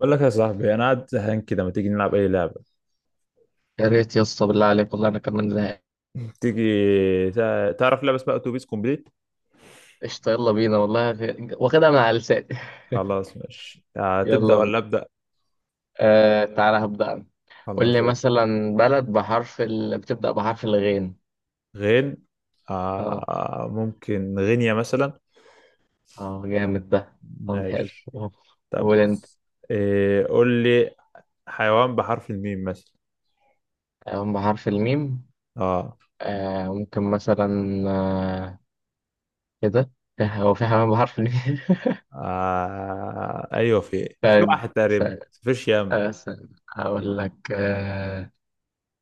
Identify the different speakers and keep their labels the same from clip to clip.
Speaker 1: بقول لك يا صاحبي انا قاعد زهقان كده، ما تيجي نلعب اي لعبه؟
Speaker 2: يا ريت يا اسطى، بالله عليك، والله انا كمان زهقان.
Speaker 1: تيجي؟ تعرف لعبه اسمها اتوبيس كومبليت؟
Speaker 2: قشطه، يلا بينا، والله واخدها من على لساني.
Speaker 1: خلاص ماشي آه، تبدا
Speaker 2: يلا بينا.
Speaker 1: ولا ابدا؟
Speaker 2: آه، تعالى هبدأ انا. قول
Speaker 1: خلاص
Speaker 2: لي
Speaker 1: ابدأ.
Speaker 2: مثلا بلد بحرف بتبدأ بحرف الغين.
Speaker 1: غين.
Speaker 2: اه.
Speaker 1: آه ممكن غينيا مثلا.
Speaker 2: اه، جامد ده. طب حلو.
Speaker 1: ماشي،
Speaker 2: آه،
Speaker 1: طب
Speaker 2: قول انت.
Speaker 1: بص، إيه قول لي. حيوان بحرف الميم مثلا.
Speaker 2: آه، بحرف الميم.
Speaker 1: اه,
Speaker 2: ممكن مثلا. آه. كده. هو في حيوان بحرف الميم؟
Speaker 1: آه ايوه، في
Speaker 2: استنى
Speaker 1: واحد تقريبا،
Speaker 2: استنى.
Speaker 1: فيش يم.
Speaker 2: آه، استنى. هقول لك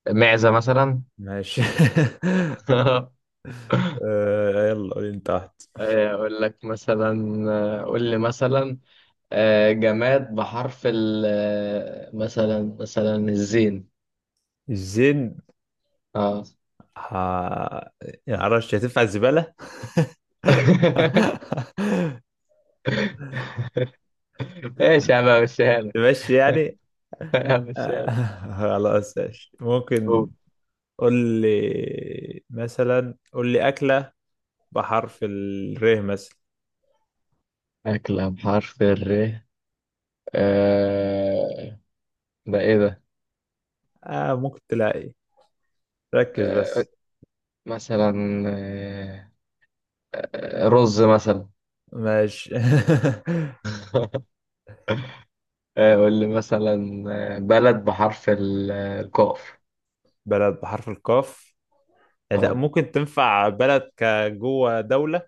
Speaker 2: معزة مثلا.
Speaker 1: ماشي. آه يلا قول انت واحد.
Speaker 2: آه، أقول لك مثلا آه، قول لي مثلا. جماد بحرف ال آه، مثلا الزين.
Speaker 1: الزين؟
Speaker 2: اه.
Speaker 1: آه، يعني معرفش هتنفع، الزباله.
Speaker 2: ايش؟ انا مشيها لك.
Speaker 1: ماشي يعني.
Speaker 2: أنا مشيها
Speaker 1: آه،
Speaker 2: لك.
Speaker 1: خلاص ماشي ممكن.
Speaker 2: قول.
Speaker 1: قول لي مثلا، قول لي أكلة بحرف الر مثلا.
Speaker 2: أكلة بحرف الر؟ آه، ده إيه ده؟
Speaker 1: آه ممكن تلاقي، ركز
Speaker 2: آه،
Speaker 1: بس.
Speaker 2: مثلا. آه، رز مثلا.
Speaker 1: ماشي.
Speaker 2: آه، قول لي مثلا. آه، بلد بحرف الكاف.
Speaker 1: بلد بحرف القاف. آه، لا، ممكن تنفع بلد كجوه، دولة.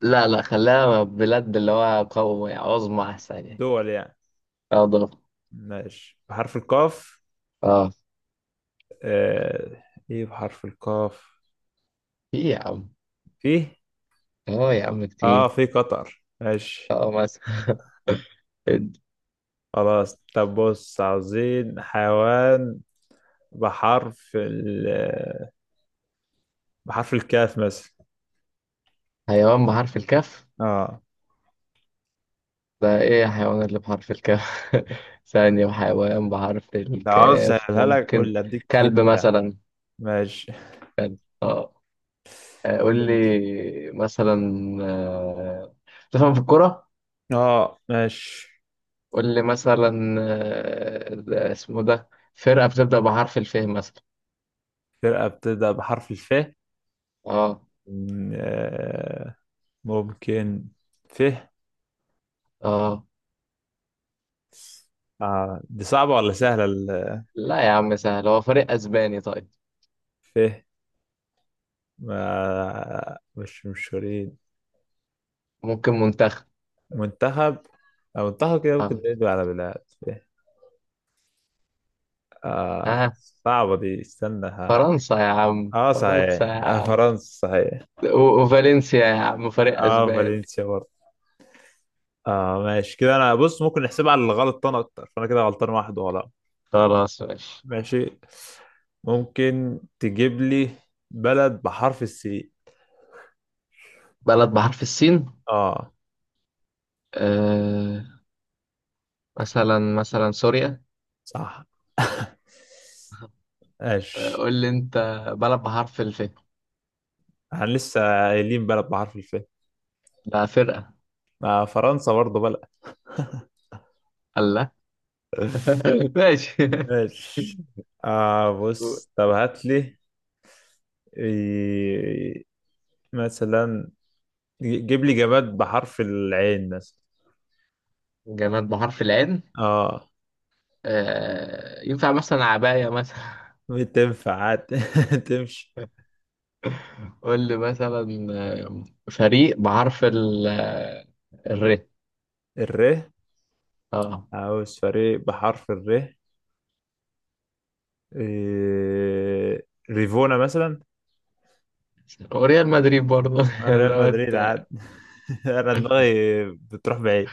Speaker 2: لا لا، خلاها بلاد اللي هو قوي عظمى أحسن يعني.
Speaker 1: دول يعني.
Speaker 2: اه، ضرب.
Speaker 1: ماشي، بحرف القاف.
Speaker 2: اه،
Speaker 1: آه، ايه بحرف القاف؟
Speaker 2: في يا عم.
Speaker 1: فيه.
Speaker 2: اه يا عم،
Speaker 1: اه
Speaker 2: كتير.
Speaker 1: في قطر، ماشي.
Speaker 2: اه، مثلا.
Speaker 1: خلاص طب بص، عاوزين حيوان بحرف ال بحرف الكاف مثلا.
Speaker 2: حيوان بحرف الكاف.
Speaker 1: اه.
Speaker 2: ده ايه الحيوان اللي بحرف الكاف؟ ثانية، وحيوان بحرف
Speaker 1: لو عاوز
Speaker 2: الكاف
Speaker 1: اسهلها لك قول
Speaker 2: ممكن.
Speaker 1: لي، اديك
Speaker 2: كلب
Speaker 1: هنت لا.
Speaker 2: مثلا.
Speaker 1: ماشي.
Speaker 2: اه. آه، قول
Speaker 1: قول انت.
Speaker 2: لي مثلا. آه، تفهم في الكرة.
Speaker 1: اه ماشي.
Speaker 2: قول لي مثلا، اسمه ده فرقة بتبدأ بحرف الف مثلا.
Speaker 1: فرقة بتبدأ بحرف الف.
Speaker 2: اه.
Speaker 1: آه، ممكن. ف.
Speaker 2: اه،
Speaker 1: آه. دي صعبة ولا سهلة
Speaker 2: لا يا عم، سهل، هو فريق اسباني طيب.
Speaker 1: ف. ما مش مشهورين.
Speaker 2: ممكن منتخب.
Speaker 1: منتخب. أو منتخب كده، ممكن
Speaker 2: آه.
Speaker 1: ندوي على بلاد ف. آه.
Speaker 2: ها؟
Speaker 1: صعبة دي، استنى.
Speaker 2: فرنسا يا عم،
Speaker 1: اه
Speaker 2: فرنسا
Speaker 1: صحيح،
Speaker 2: يا
Speaker 1: آه
Speaker 2: عم.
Speaker 1: فرنسا صحيح.
Speaker 2: وفالنسيا يا عم، فريق
Speaker 1: اه
Speaker 2: اسباني.
Speaker 1: فالنسيا برضه. اه ماشي كده. انا بص، ممكن نحسبها على الغلط، انا اكتر، فانا كده غلطان واحد ولا؟
Speaker 2: خلاص ماشي.
Speaker 1: ماشي. ممكن تجيب لي بلد بحرف السي.
Speaker 2: بلد بحرف السين.
Speaker 1: اه
Speaker 2: آه، مثلا سوريا.
Speaker 1: صح.
Speaker 2: آه،
Speaker 1: ماشي.
Speaker 2: قول لي انت. بلد بحرف الف.
Speaker 1: احنا لسه قايلين بلد بحرف الف.
Speaker 2: لا، فرقة.
Speaker 1: آه فرنسا برضه بلد.
Speaker 2: الله. ماشي.
Speaker 1: ماشي. آه بص، طب هات لي، إيه، مثلا، جيب لي جماد بحرف العين مثلا.
Speaker 2: جماد بحرف العين.
Speaker 1: اه
Speaker 2: آه، ينفع مثلا عباية مثلا.
Speaker 1: بتنفع عادي. تمشي.
Speaker 2: قول لي مثلا، فريق بحرف الر.
Speaker 1: الر.
Speaker 2: اه،
Speaker 1: عاوز فريق بحرف الر. إيه... ريفونا مثلا.
Speaker 2: وريال مدريد برضه.
Speaker 1: آه، ريال مدريد
Speaker 2: دوت
Speaker 1: عادي.
Speaker 2: آه،
Speaker 1: انا دماغي بتروح بعيد.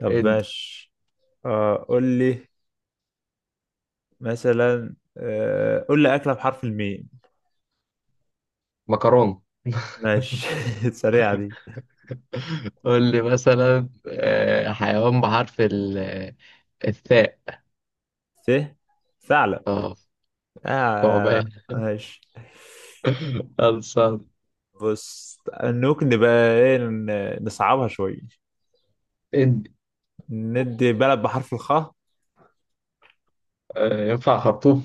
Speaker 1: طب
Speaker 2: إد.
Speaker 1: ماشي. آه قول لي مثلا، آه قول لي أكلة بحرف الميم.
Speaker 2: مكرونه.
Speaker 1: ماشي. سريعة دي.
Speaker 2: قول لي مثلا، حيوان بحرف الثاء.
Speaker 1: س. ثعلب.
Speaker 2: اه،
Speaker 1: آه
Speaker 2: ثعبان.
Speaker 1: ماشي.
Speaker 2: خلصان.
Speaker 1: بص، ممكن نبقى ايه، نصعبها شوية.
Speaker 2: إد.
Speaker 1: ندي بلد بحرف الخاء.
Speaker 2: آه، ينفع خرطوم.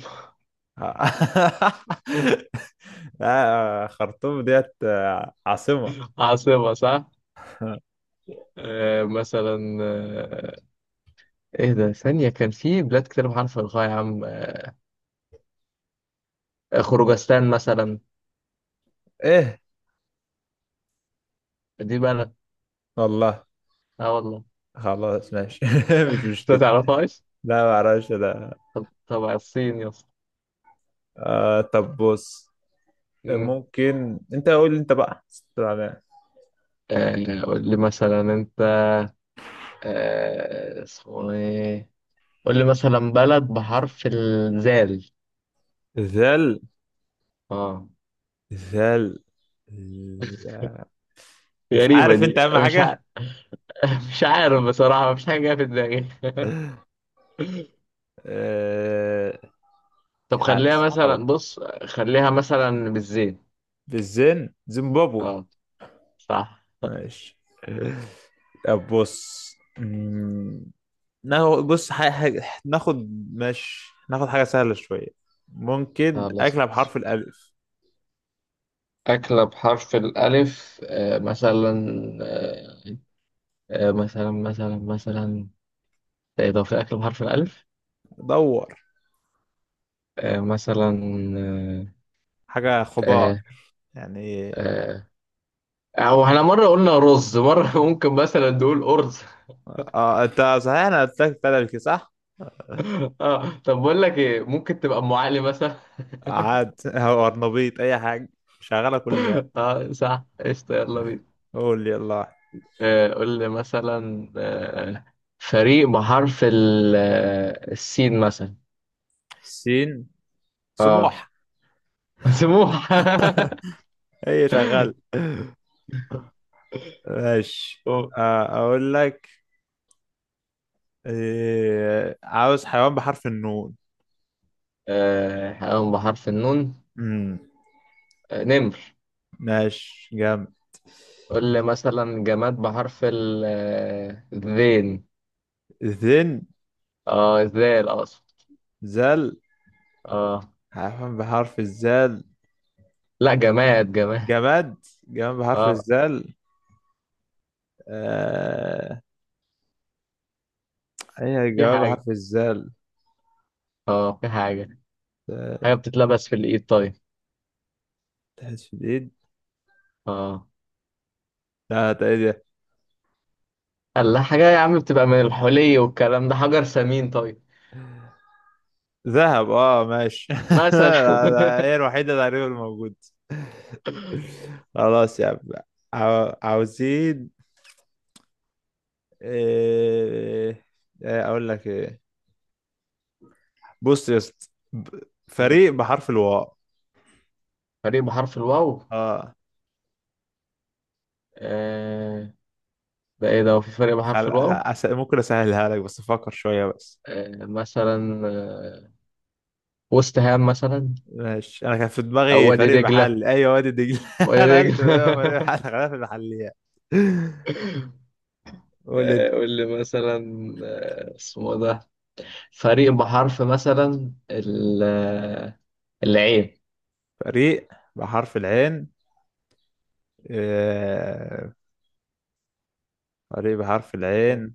Speaker 1: لا، خرطوم ديت آه، عاصمة.
Speaker 2: عاصمة، صح؟ آه، مثلا آه، ايه ده، ثانية كان في بلاد كتير بحرف الغاء يا عم، خروجستان مثلا.
Speaker 1: ايه،
Speaker 2: دي بلد.
Speaker 1: والله.
Speaker 2: اه والله.
Speaker 1: خلاص ماشي. مش
Speaker 2: انت
Speaker 1: مشكلة.
Speaker 2: تعرفهاش؟
Speaker 1: لا ما اعرفش ده.
Speaker 2: طب تبع الصين يا اسطى.
Speaker 1: آه طب بص.
Speaker 2: مم.
Speaker 1: ممكن انت قول لي، انت بقى استنى.
Speaker 2: آه، قول لي مثلا انت، اسمه ايه. قول لي مثلا بلد بحرف الزال.
Speaker 1: ذل.
Speaker 2: اه.
Speaker 1: ذل. مش
Speaker 2: غريبة
Speaker 1: عارف انت،
Speaker 2: دي.
Speaker 1: اهم
Speaker 2: مش ع...
Speaker 1: حاجة.
Speaker 2: مش عارف بصراحة، مفيش حاجة جاية في دماغي.
Speaker 1: آه، مش
Speaker 2: طب
Speaker 1: عارف،
Speaker 2: خليها
Speaker 1: صعبة.
Speaker 2: مثلا، بص، خليها مثلا بالزين.
Speaker 1: بالزين، زيمبابوي.
Speaker 2: اه، صح.
Speaker 1: ماشي. طب بص. مم، ناخد بص حاجة، حاجة ناخد. ماشي ناخد حاجة سهلة شوية. ممكن
Speaker 2: خلاص
Speaker 1: أكلة
Speaker 2: ماشي.
Speaker 1: بحرف الألف.
Speaker 2: أكلة بحرف الألف، مثلا. آه، مثلا. إيه ده، في أكلة بحرف الألف؟
Speaker 1: دور.
Speaker 2: مثلا.
Speaker 1: حاجة
Speaker 2: آه،
Speaker 1: خضار
Speaker 2: آه،
Speaker 1: يعني.
Speaker 2: آه، او احنا مره قلنا رز، مره ممكن مثلا نقول ارز.
Speaker 1: اه انت صحيح، انا قلت لك تلفي صح؟
Speaker 2: اه طب بقول لك ايه، ممكن تبقى ام علي مثلا.
Speaker 1: عاد. او ارنبيط، اي حاجة شغالة، كل بقى.
Speaker 2: اه صح، قشطه، يلا بينا.
Speaker 1: قول يلا واحد.
Speaker 2: آه، قول لي مثلا، فريق بحرف السين مثلا.
Speaker 1: سين.
Speaker 2: اه.
Speaker 1: سموح.
Speaker 2: سموح.
Speaker 1: هي شغالة. ماشي.
Speaker 2: أوه.
Speaker 1: آه، اقول لك إيه، عاوز حيوان بحرف النون.
Speaker 2: آه، حيوان بحرف النون.
Speaker 1: امم
Speaker 2: آه، نمر.
Speaker 1: ماشي، جامد.
Speaker 2: قول لي مثلا جماد بحرف الذين.
Speaker 1: ذن.
Speaker 2: اه، ذال اقصد.
Speaker 1: ذل.
Speaker 2: اه،
Speaker 1: حيوان بحرف الزال؟
Speaker 2: لا، جماد جماد.
Speaker 1: جماد. جماد بحرف
Speaker 2: اه،
Speaker 1: الزال. آه... أي
Speaker 2: في
Speaker 1: جماد
Speaker 2: حاجة.
Speaker 1: بحرف الزال.
Speaker 2: اه، في حاجة. حاجة
Speaker 1: آه،
Speaker 2: بتتلبس في الإيد طيب.
Speaker 1: تحس في الإيد؟
Speaker 2: اه.
Speaker 1: لا، ده إيه ده؟
Speaker 2: الله، حاجة يا عم بتبقى من الحلي والكلام ده، حجر ثمين طيب.
Speaker 1: ذهب، اه ماشي.
Speaker 2: مثلا.
Speaker 1: لا، لا، هي الوحيدة تقريبا الموجودة. خلاص يا عم. عاوزين إيه... إيه أقول لك، إيه بص يا اسطى، ب-
Speaker 2: مم.
Speaker 1: فريق بحرف الواو.
Speaker 2: فريق بحرف الواو.
Speaker 1: اه.
Speaker 2: آه، ده ايه ده، هو في فريق بحرف الواو؟
Speaker 1: ممكن أسهلها لك بس، فكر شوية بس.
Speaker 2: آه، مثلا، آه، وست هام مثلا.
Speaker 1: ماشي. انا كان في
Speaker 2: أو
Speaker 1: دماغي
Speaker 2: وادي
Speaker 1: فريق
Speaker 2: دجلة،
Speaker 1: محلي، ايوه وادي دجله. انا
Speaker 2: وادي
Speaker 1: قلت ايوه فريق
Speaker 2: دجلة.
Speaker 1: محلي، خلينا في المحليات. قول انت.
Speaker 2: آه، قول لي مثلا، اسمه ده فريق بحرف مثلا العين.
Speaker 1: فريق بحرف العين. آه، فريق بحرف العين.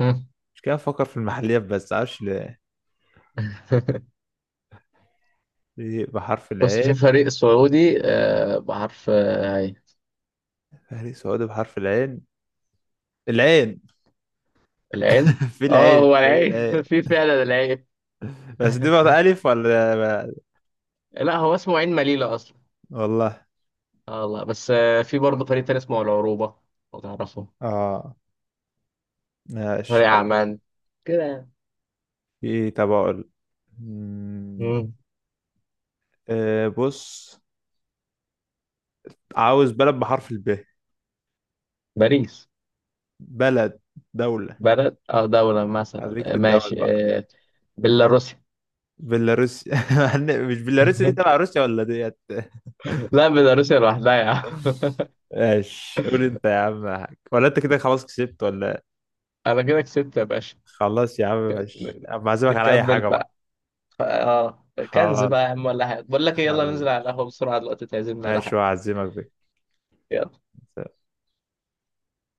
Speaker 2: مم.
Speaker 1: مش كده، افكر في المحليات بس معرفش ليه. فريق بحرف
Speaker 2: بص، في
Speaker 1: العين.
Speaker 2: فريق سعودي آه، بحرف آه، عين.
Speaker 1: فريق سعودي بحرف العين؟ العين.
Speaker 2: العين،
Speaker 1: في
Speaker 2: اه
Speaker 1: العين،
Speaker 2: هو
Speaker 1: فريق
Speaker 2: العين.
Speaker 1: العين.
Speaker 2: في فعلا العين.
Speaker 1: بس دي بقى ألف ولا؟
Speaker 2: لا، هو اسمه عين مليلة اصلا.
Speaker 1: والله.
Speaker 2: اه والله. بس آه، في برضه فريق تاني اسمه العروبة لو تعرفه.
Speaker 1: اه ماشي
Speaker 2: فريق
Speaker 1: طب.
Speaker 2: عمان كده يعني.
Speaker 1: في، طب أقول، مم،
Speaker 2: مم.
Speaker 1: آه، بص، عاوز بلد بحرف الب.
Speaker 2: باريس.
Speaker 1: بلد، دولة.
Speaker 2: بلد اه دولة مثلا،
Speaker 1: خليك في
Speaker 2: آه،
Speaker 1: الدول
Speaker 2: ماشي.
Speaker 1: بقى.
Speaker 2: آه، بيلاروسيا.
Speaker 1: بيلاروسيا. مش بيلاروسيا دي تبع روسيا ولا ديت؟
Speaker 2: لا، بيلاروسيا لوحدها يا عم.
Speaker 1: ماشي، قول انت يا عم حاج. ولا انت كده خلاص كسبت ولا إيه؟
Speaker 2: انا كده كسبت يا باشا.
Speaker 1: خلاص يا عم ماشي،
Speaker 2: ن-
Speaker 1: أما أعزمك على اي
Speaker 2: نكمل
Speaker 1: حاجة بقى.
Speaker 2: بقى. ف- اه كنز
Speaker 1: خلاص.
Speaker 2: بقى يا عم، ولا حاجة، بقول لك ايه، يلا ننزل على
Speaker 1: خلاص
Speaker 2: القهوة بسرعة دلوقتي تعزمنا على
Speaker 1: ماشي،
Speaker 2: حاجة.
Speaker 1: وأعزمك بك.
Speaker 2: يلا.